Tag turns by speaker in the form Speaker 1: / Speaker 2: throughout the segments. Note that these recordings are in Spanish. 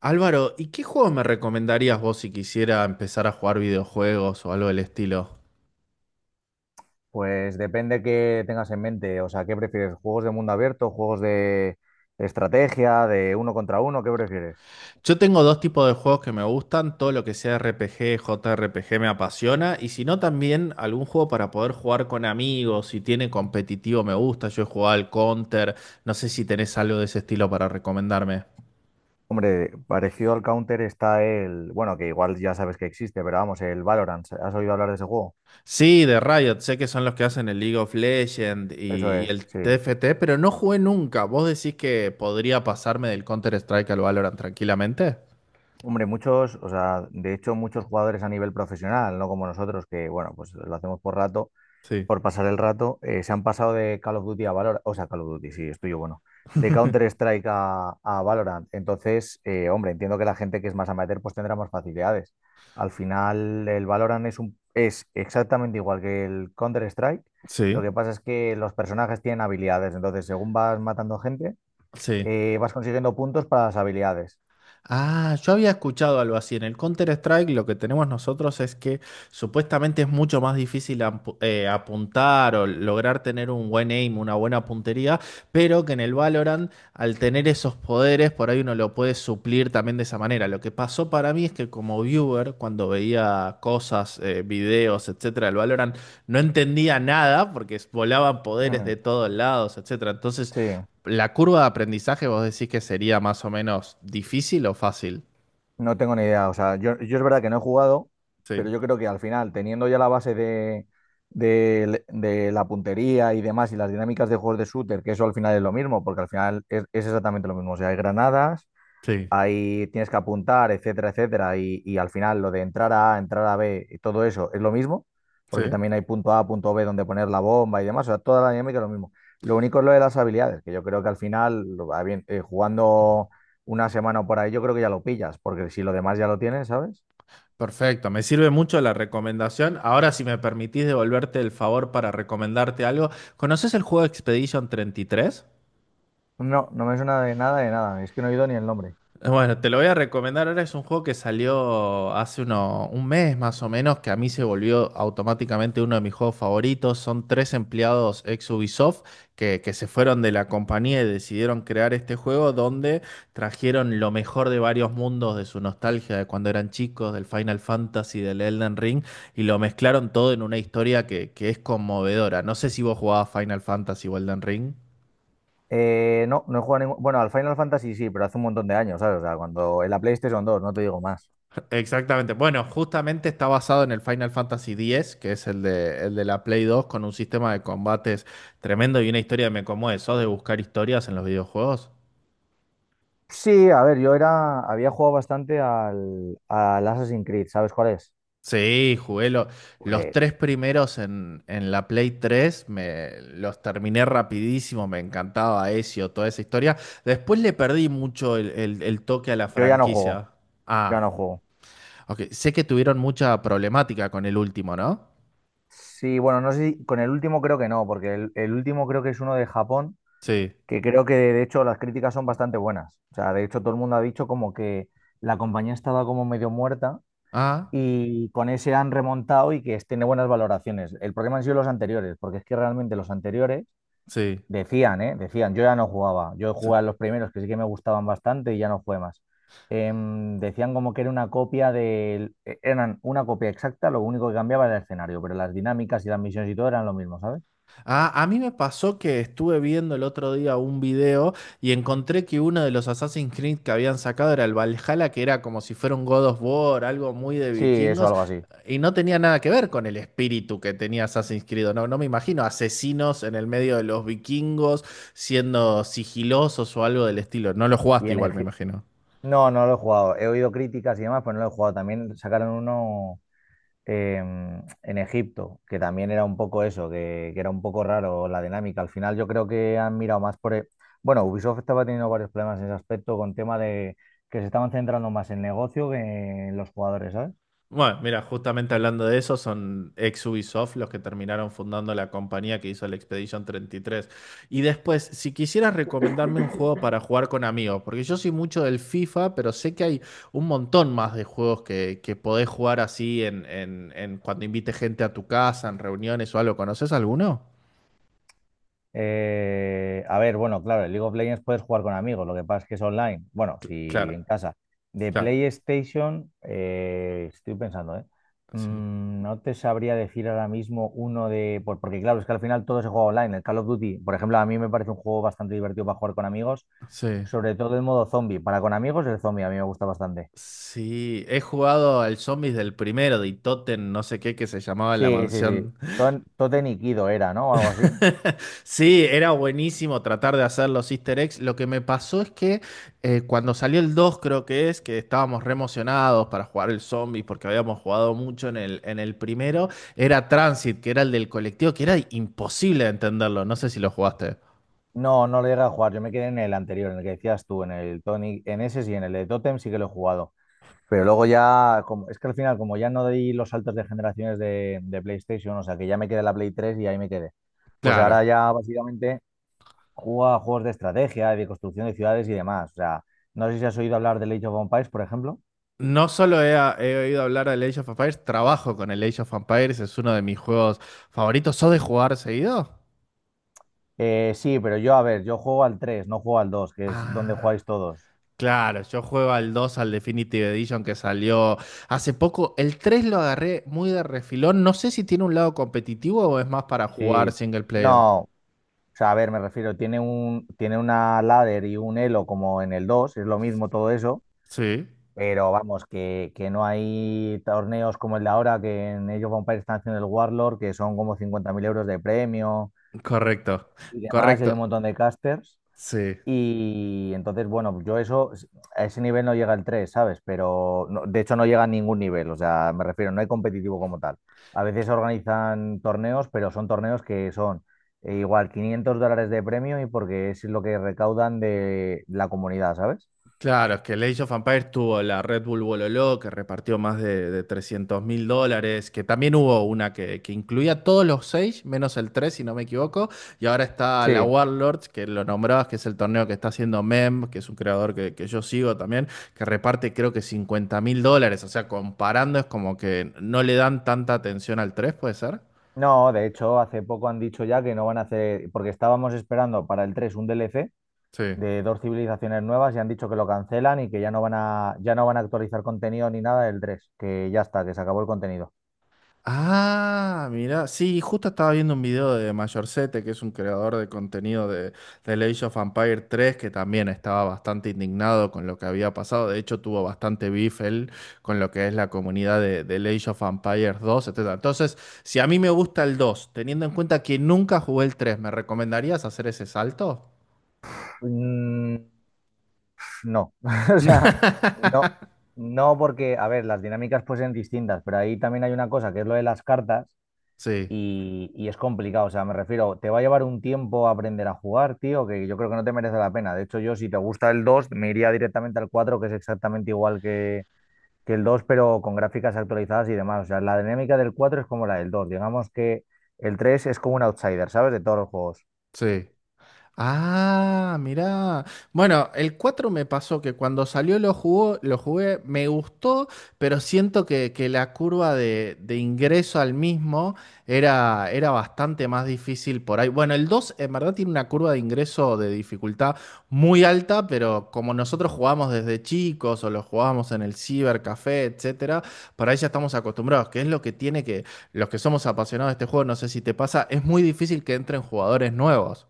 Speaker 1: Álvaro, ¿y qué juego me recomendarías vos si quisiera empezar a jugar videojuegos o algo del estilo?
Speaker 2: Pues depende qué tengas en mente. O sea, ¿qué prefieres? ¿Juegos de mundo abierto? ¿Juegos de estrategia? ¿De uno contra uno? ¿Qué prefieres?
Speaker 1: Yo tengo dos tipos de juegos que me gustan: todo lo que sea RPG, JRPG me apasiona, y si no, también algún juego para poder jugar con amigos. Si tiene competitivo, me gusta. Yo he jugado al Counter, no sé si tenés algo de ese estilo para recomendarme.
Speaker 2: Hombre, parecido al Counter está el, que igual ya sabes que existe, pero vamos, el Valorant. ¿Has oído hablar de ese juego?
Speaker 1: Sí, de Riot, sé que son los que hacen el League of Legends
Speaker 2: Eso
Speaker 1: y
Speaker 2: es,
Speaker 1: el
Speaker 2: sí.
Speaker 1: TFT, pero no jugué nunca. ¿Vos decís que podría pasarme del Counter-Strike al Valorant tranquilamente?
Speaker 2: Hombre, muchos, o sea, de hecho muchos jugadores a nivel profesional, no como nosotros, que bueno, pues lo hacemos por
Speaker 1: Sí.
Speaker 2: pasar el rato, se han pasado de Call of Duty a Valorant, o sea, Call of Duty, sí, estoy yo, bueno, de Counter-Strike a Valorant. Entonces, hombre, entiendo que la gente que es más amateur pues tendrá más facilidades. Al final, el Valorant es, un, es exactamente igual que el Counter-Strike. Lo
Speaker 1: Sí,
Speaker 2: que pasa es que los personajes tienen habilidades, entonces según vas matando gente,
Speaker 1: sí.
Speaker 2: vas consiguiendo puntos para las habilidades.
Speaker 1: Ah, yo había escuchado algo así. En el Counter-Strike lo que tenemos nosotros es que supuestamente es mucho más difícil apuntar o lograr tener un buen aim, una buena puntería, pero que en el Valorant, al tener esos poderes, por ahí uno lo puede suplir también de esa manera. Lo que pasó para mí es que como viewer, cuando veía cosas, videos, etcétera, del Valorant, no entendía nada porque volaban poderes de
Speaker 2: Mm,
Speaker 1: todos lados, etcétera. Entonces,
Speaker 2: sí.
Speaker 1: ¿la curva de aprendizaje vos decís que sería más o menos difícil o fácil?
Speaker 2: No tengo ni idea. O sea, yo es verdad que no he jugado,
Speaker 1: Sí,
Speaker 2: pero yo creo que al final, teniendo ya la base de la puntería y demás, y las dinámicas de juegos de shooter, que eso al final es lo mismo, porque al final es exactamente lo mismo. O sea, hay granadas,
Speaker 1: sí,
Speaker 2: ahí tienes que apuntar, etcétera, etcétera, y al final lo de entrar a A, entrar a B y todo eso es lo mismo, porque
Speaker 1: sí.
Speaker 2: también hay punto A, punto B donde poner la bomba y demás, o sea, toda la dinámica es lo mismo. Lo único es lo de las habilidades, que yo creo que al final, jugando una semana o por ahí, yo creo que ya lo pillas, porque si lo demás ya lo tienes, ¿sabes?
Speaker 1: Perfecto, me sirve mucho la recomendación. Ahora, si me permitís devolverte el favor para recomendarte algo, ¿conoces el juego Expedition 33?
Speaker 2: No, no me suena de nada, es que no he oído ni el nombre.
Speaker 1: Bueno, te lo voy a recomendar. Ahora, es un juego que salió hace un mes más o menos, que a mí se volvió automáticamente uno de mis juegos favoritos. Son tres empleados ex Ubisoft que se fueron de la compañía y decidieron crear este juego donde trajeron lo mejor de varios mundos, de su nostalgia de cuando eran chicos, del Final Fantasy, del Elden Ring, y lo mezclaron todo en una historia que es conmovedora. No sé si vos jugabas Final Fantasy o Elden Ring.
Speaker 2: No, no he jugado ningún... Bueno, al Final Fantasy sí, pero hace un montón de años, ¿sabes? O sea, cuando en la PlayStation 2, no te digo más.
Speaker 1: Exactamente. Bueno, justamente está basado en el Final Fantasy X, que es el de la Play 2, con un sistema de combates tremendo y una historia que me conmueve. ¿Sos de buscar historias en los videojuegos?
Speaker 2: Sí, a ver, yo era, había jugado bastante al Assassin's Creed, ¿sabes cuál es?
Speaker 1: Sí, los
Speaker 2: Pues
Speaker 1: tres primeros en la Play 3, me, los terminé rapidísimo, me encantaba Ezio, toda esa historia. Después le perdí mucho el toque a la
Speaker 2: yo ya no juego,
Speaker 1: franquicia.
Speaker 2: ya
Speaker 1: Ah,
Speaker 2: no juego.
Speaker 1: ok. Sé que tuvieron mucha problemática con el último, ¿no?
Speaker 2: Sí, bueno, no sé si con el último, creo que no, porque el último creo que es uno de Japón,
Speaker 1: Sí.
Speaker 2: que creo que de hecho las críticas son bastante buenas. O sea, de hecho todo el mundo ha dicho como que la compañía estaba como medio muerta,
Speaker 1: Ah,
Speaker 2: y con ese han remontado y que es- tiene buenas valoraciones. El problema han sido los anteriores, porque es que realmente los anteriores
Speaker 1: sí.
Speaker 2: decían, ¿eh? Decían, yo ya no jugaba. Yo
Speaker 1: Sí.
Speaker 2: jugaba en los primeros, que sí que me gustaban bastante, y ya no jugué más. Decían como que era una copia del... e- Eran una copia exacta, lo único que cambiaba era el escenario, pero las dinámicas y las misiones y todo eran lo mismo, ¿sabes?
Speaker 1: Ah, a mí me pasó que estuve viendo el otro día un video y encontré que uno de los Assassin's Creed que habían sacado era el Valhalla, que era como si fuera un God of War, algo muy de
Speaker 2: Sí, eso,
Speaker 1: vikingos,
Speaker 2: algo así.
Speaker 1: y no tenía nada que ver con el espíritu que tenía Assassin's Creed. No, no me imagino asesinos en el medio de los vikingos siendo sigilosos o algo del estilo. No lo
Speaker 2: Y
Speaker 1: jugaste
Speaker 2: en
Speaker 1: igual, me
Speaker 2: Egip-
Speaker 1: imagino.
Speaker 2: No, no lo he jugado. He oído críticas y demás, pero no lo he jugado. También sacaron uno, en Egipto, que también era un poco eso, que era un poco raro la dinámica. Al final yo creo que han mirado más por... el- Bueno, Ubisoft estaba teniendo varios problemas en ese aspecto, con tema de que se estaban centrando más en negocio que en los jugadores, ¿sabes?
Speaker 1: Bueno, mira, justamente hablando de eso, son ex Ubisoft los que terminaron fundando la compañía que hizo el Expedition 33. Y después, si quisieras recomendarme un juego para jugar con amigos, porque yo soy mucho del FIFA, pero sé que hay un montón más de juegos que podés jugar así en cuando invites gente a tu casa, en reuniones o algo. ¿Conoces alguno?
Speaker 2: A ver, bueno, claro, el League of Legends puedes jugar con amigos, lo que pasa es que es online. Bueno, si
Speaker 1: Claro,
Speaker 2: en casa. De
Speaker 1: claro.
Speaker 2: PlayStation, estoy pensando, ¿eh?
Speaker 1: Sí.
Speaker 2: Mm, no te sabría decir ahora mismo uno Porque claro, es que al final todo se juega online. El Call of Duty, por ejemplo, a mí me parece un juego bastante divertido para jugar con amigos,
Speaker 1: Sí.
Speaker 2: sobre todo el modo zombie. Para con amigos, el zombie a mí me gusta bastante.
Speaker 1: Sí, he jugado al Zombies del primero de Itoten, no sé qué, que se llamaba La
Speaker 2: Sí, sí, sí.
Speaker 1: Mansión.
Speaker 2: Totem y Kido era, ¿no? O algo así.
Speaker 1: Sí, era buenísimo tratar de hacer los easter eggs. Lo que me pasó es que cuando salió el 2, creo que es, que estábamos re emocionados para jugar el zombie porque habíamos jugado mucho en el primero, era Transit, que era el del colectivo, que era imposible de entenderlo. No sé si lo jugaste.
Speaker 2: No, no lo llegué a jugar. Yo me quedé en el anterior, en el que decías tú, en el Tony, en ese sí, en el de Totem sí que lo he jugado. Pero luego ya, como, es que al final, como ya no di los saltos de generaciones de PlayStation, o sea que ya me quedé en la Play tres y ahí me quedé. Pues
Speaker 1: Claro.
Speaker 2: ahora ya básicamente juego a juegos de estrategia, de construcción de ciudades y demás. O sea, no sé si has oído hablar del Age of Empires, por ejemplo.
Speaker 1: No solo he oído hablar del Age of Empires, trabajo con el Age of Empires, es uno de mis juegos favoritos. ¿Sos de jugar seguido?
Speaker 2: Sí, pero yo, a ver, yo juego al 3, no juego al 2, que es donde
Speaker 1: Ah.
Speaker 2: jugáis todos.
Speaker 1: Claro, yo juego al dos, al Definitive Edition que salió hace poco. El 3 lo agarré muy de refilón. No sé si tiene un lado competitivo o es más para jugar
Speaker 2: Sí,
Speaker 1: single player.
Speaker 2: no. O sea, a ver, me refiero, tiene una ladder y un elo, como en el dos, es lo mismo todo eso,
Speaker 1: Sí,
Speaker 2: pero vamos, que no hay torneos como el de ahora, que en Age of Empires están haciendo el Warlord, que son como 50.000 euros de premio
Speaker 1: correcto,
Speaker 2: y demás, y hay un
Speaker 1: correcto.
Speaker 2: montón de casters,
Speaker 1: Sí.
Speaker 2: y entonces, bueno, yo eso, a ese nivel no llega el tres, ¿sabes? Pero no, de hecho no llega a ningún nivel, o sea, me refiero, no hay competitivo como tal. A veces organizan torneos, pero son torneos que son igual 500 dólares de premio, y porque es lo que recaudan de la comunidad, ¿sabes?
Speaker 1: Claro, es que el Age of Empires tuvo la Red Bull Bololó, que repartió más de 300.000 dólares, que también hubo una que incluía todos los seis, menos el 3 si no me equivoco, y ahora está la
Speaker 2: Sí.
Speaker 1: Warlords, que lo nombrabas, que es el torneo que está haciendo Mem, que es un creador que yo sigo también, que reparte creo que 50.000 dólares. O sea, comparando, es como que no le dan tanta atención al tres, ¿puede ser?
Speaker 2: No, de hecho, hace poco han dicho ya que no van a hacer, porque estábamos esperando para el 3 un DLC
Speaker 1: Sí.
Speaker 2: de dos civilizaciones nuevas, y han dicho que lo cancelan y que ya no van a actualizar contenido ni nada del tres, que ya está, que se acabó el contenido.
Speaker 1: Ah, mira, sí, justo estaba viendo un video de Mayorzete, que es un creador de contenido de The Age of Empires tres, que también estaba bastante indignado con lo que había pasado. De hecho, tuvo bastante beef él con lo que es la comunidad de The Age of Empires 2, etcétera. Entonces, si a mí me gusta el 2, teniendo en cuenta que nunca jugué el 3, ¿me recomendarías hacer ese salto?
Speaker 2: Mm, no, o sea, no, no porque, a ver, las dinámicas pues son distintas, pero ahí también hay una cosa que es lo de las cartas,
Speaker 1: Sí,
Speaker 2: y es complicado, o sea, me refiero, te va a llevar un tiempo aprender a jugar, tío, que yo creo que no te merece la pena. De hecho, yo si te gusta el 2 me iría directamente al cuatro, que es exactamente igual que el dos, pero con gráficas actualizadas y demás. O sea, la dinámica del 4 es como la del dos. Digamos que el 3 es como un outsider, ¿sabes? De todos los juegos.
Speaker 1: sí. Ah, mirá. Bueno, el 4 me pasó que cuando salió lo jugué, me gustó, pero siento que la curva de ingreso al mismo era, era bastante más difícil por ahí. Bueno, el 2, en verdad, tiene una curva de ingreso de dificultad muy alta, pero como nosotros jugamos desde chicos o lo jugábamos en el cibercafé, etcétera, por ahí ya estamos acostumbrados. Que es lo que tiene, que los que somos apasionados de este juego, no sé si te pasa, es muy difícil que entren jugadores nuevos.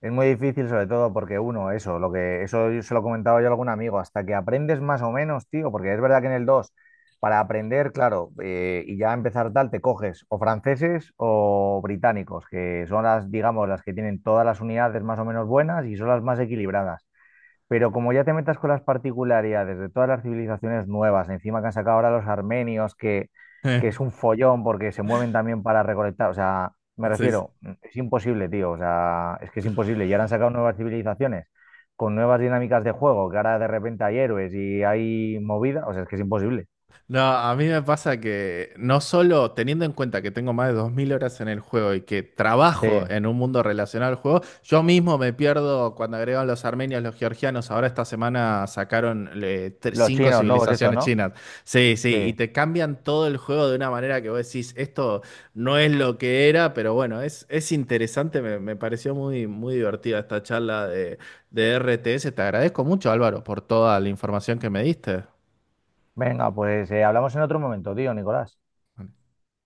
Speaker 2: Es muy difícil, sobre todo porque uno, eso, lo que eso yo se lo comentaba yo a algún amigo, hasta que aprendes más o menos, tío, porque es verdad que en el 2 para aprender, claro, y ya empezar tal, te coges o franceses o británicos, que son las, digamos, las que tienen todas las unidades más o menos buenas y son las más equilibradas. Pero como ya te metas con las particularidades de todas las civilizaciones nuevas, encima que han sacado ahora los armenios, que es un follón porque se mueven también para recolectar, o sea, me
Speaker 1: Sí, sí.
Speaker 2: refiero, es imposible, tío, o sea, es que es imposible. Y ahora han sacado nuevas civilizaciones con nuevas dinámicas de juego, que ahora de repente hay héroes y hay movida, o sea, es que es imposible.
Speaker 1: No, a mí me pasa que, no solo teniendo en cuenta que tengo más de 2.000 horas en el juego y que
Speaker 2: Sí,
Speaker 1: trabajo en un mundo relacionado al juego, yo mismo me pierdo cuando agregan los armenios, los georgianos, ahora esta semana sacaron
Speaker 2: los
Speaker 1: cinco
Speaker 2: chinos nuevos esto,
Speaker 1: civilizaciones
Speaker 2: ¿no?
Speaker 1: chinas. Sí, sí, y
Speaker 2: Sí.
Speaker 1: te cambian todo el juego de una manera que vos decís, esto no es lo que era. Pero bueno, es interesante, me pareció muy, muy divertida esta charla de RTS. Te agradezco mucho, Álvaro, por toda la información que me diste.
Speaker 2: Venga, pues hablamos en otro momento, tío, Nicolás.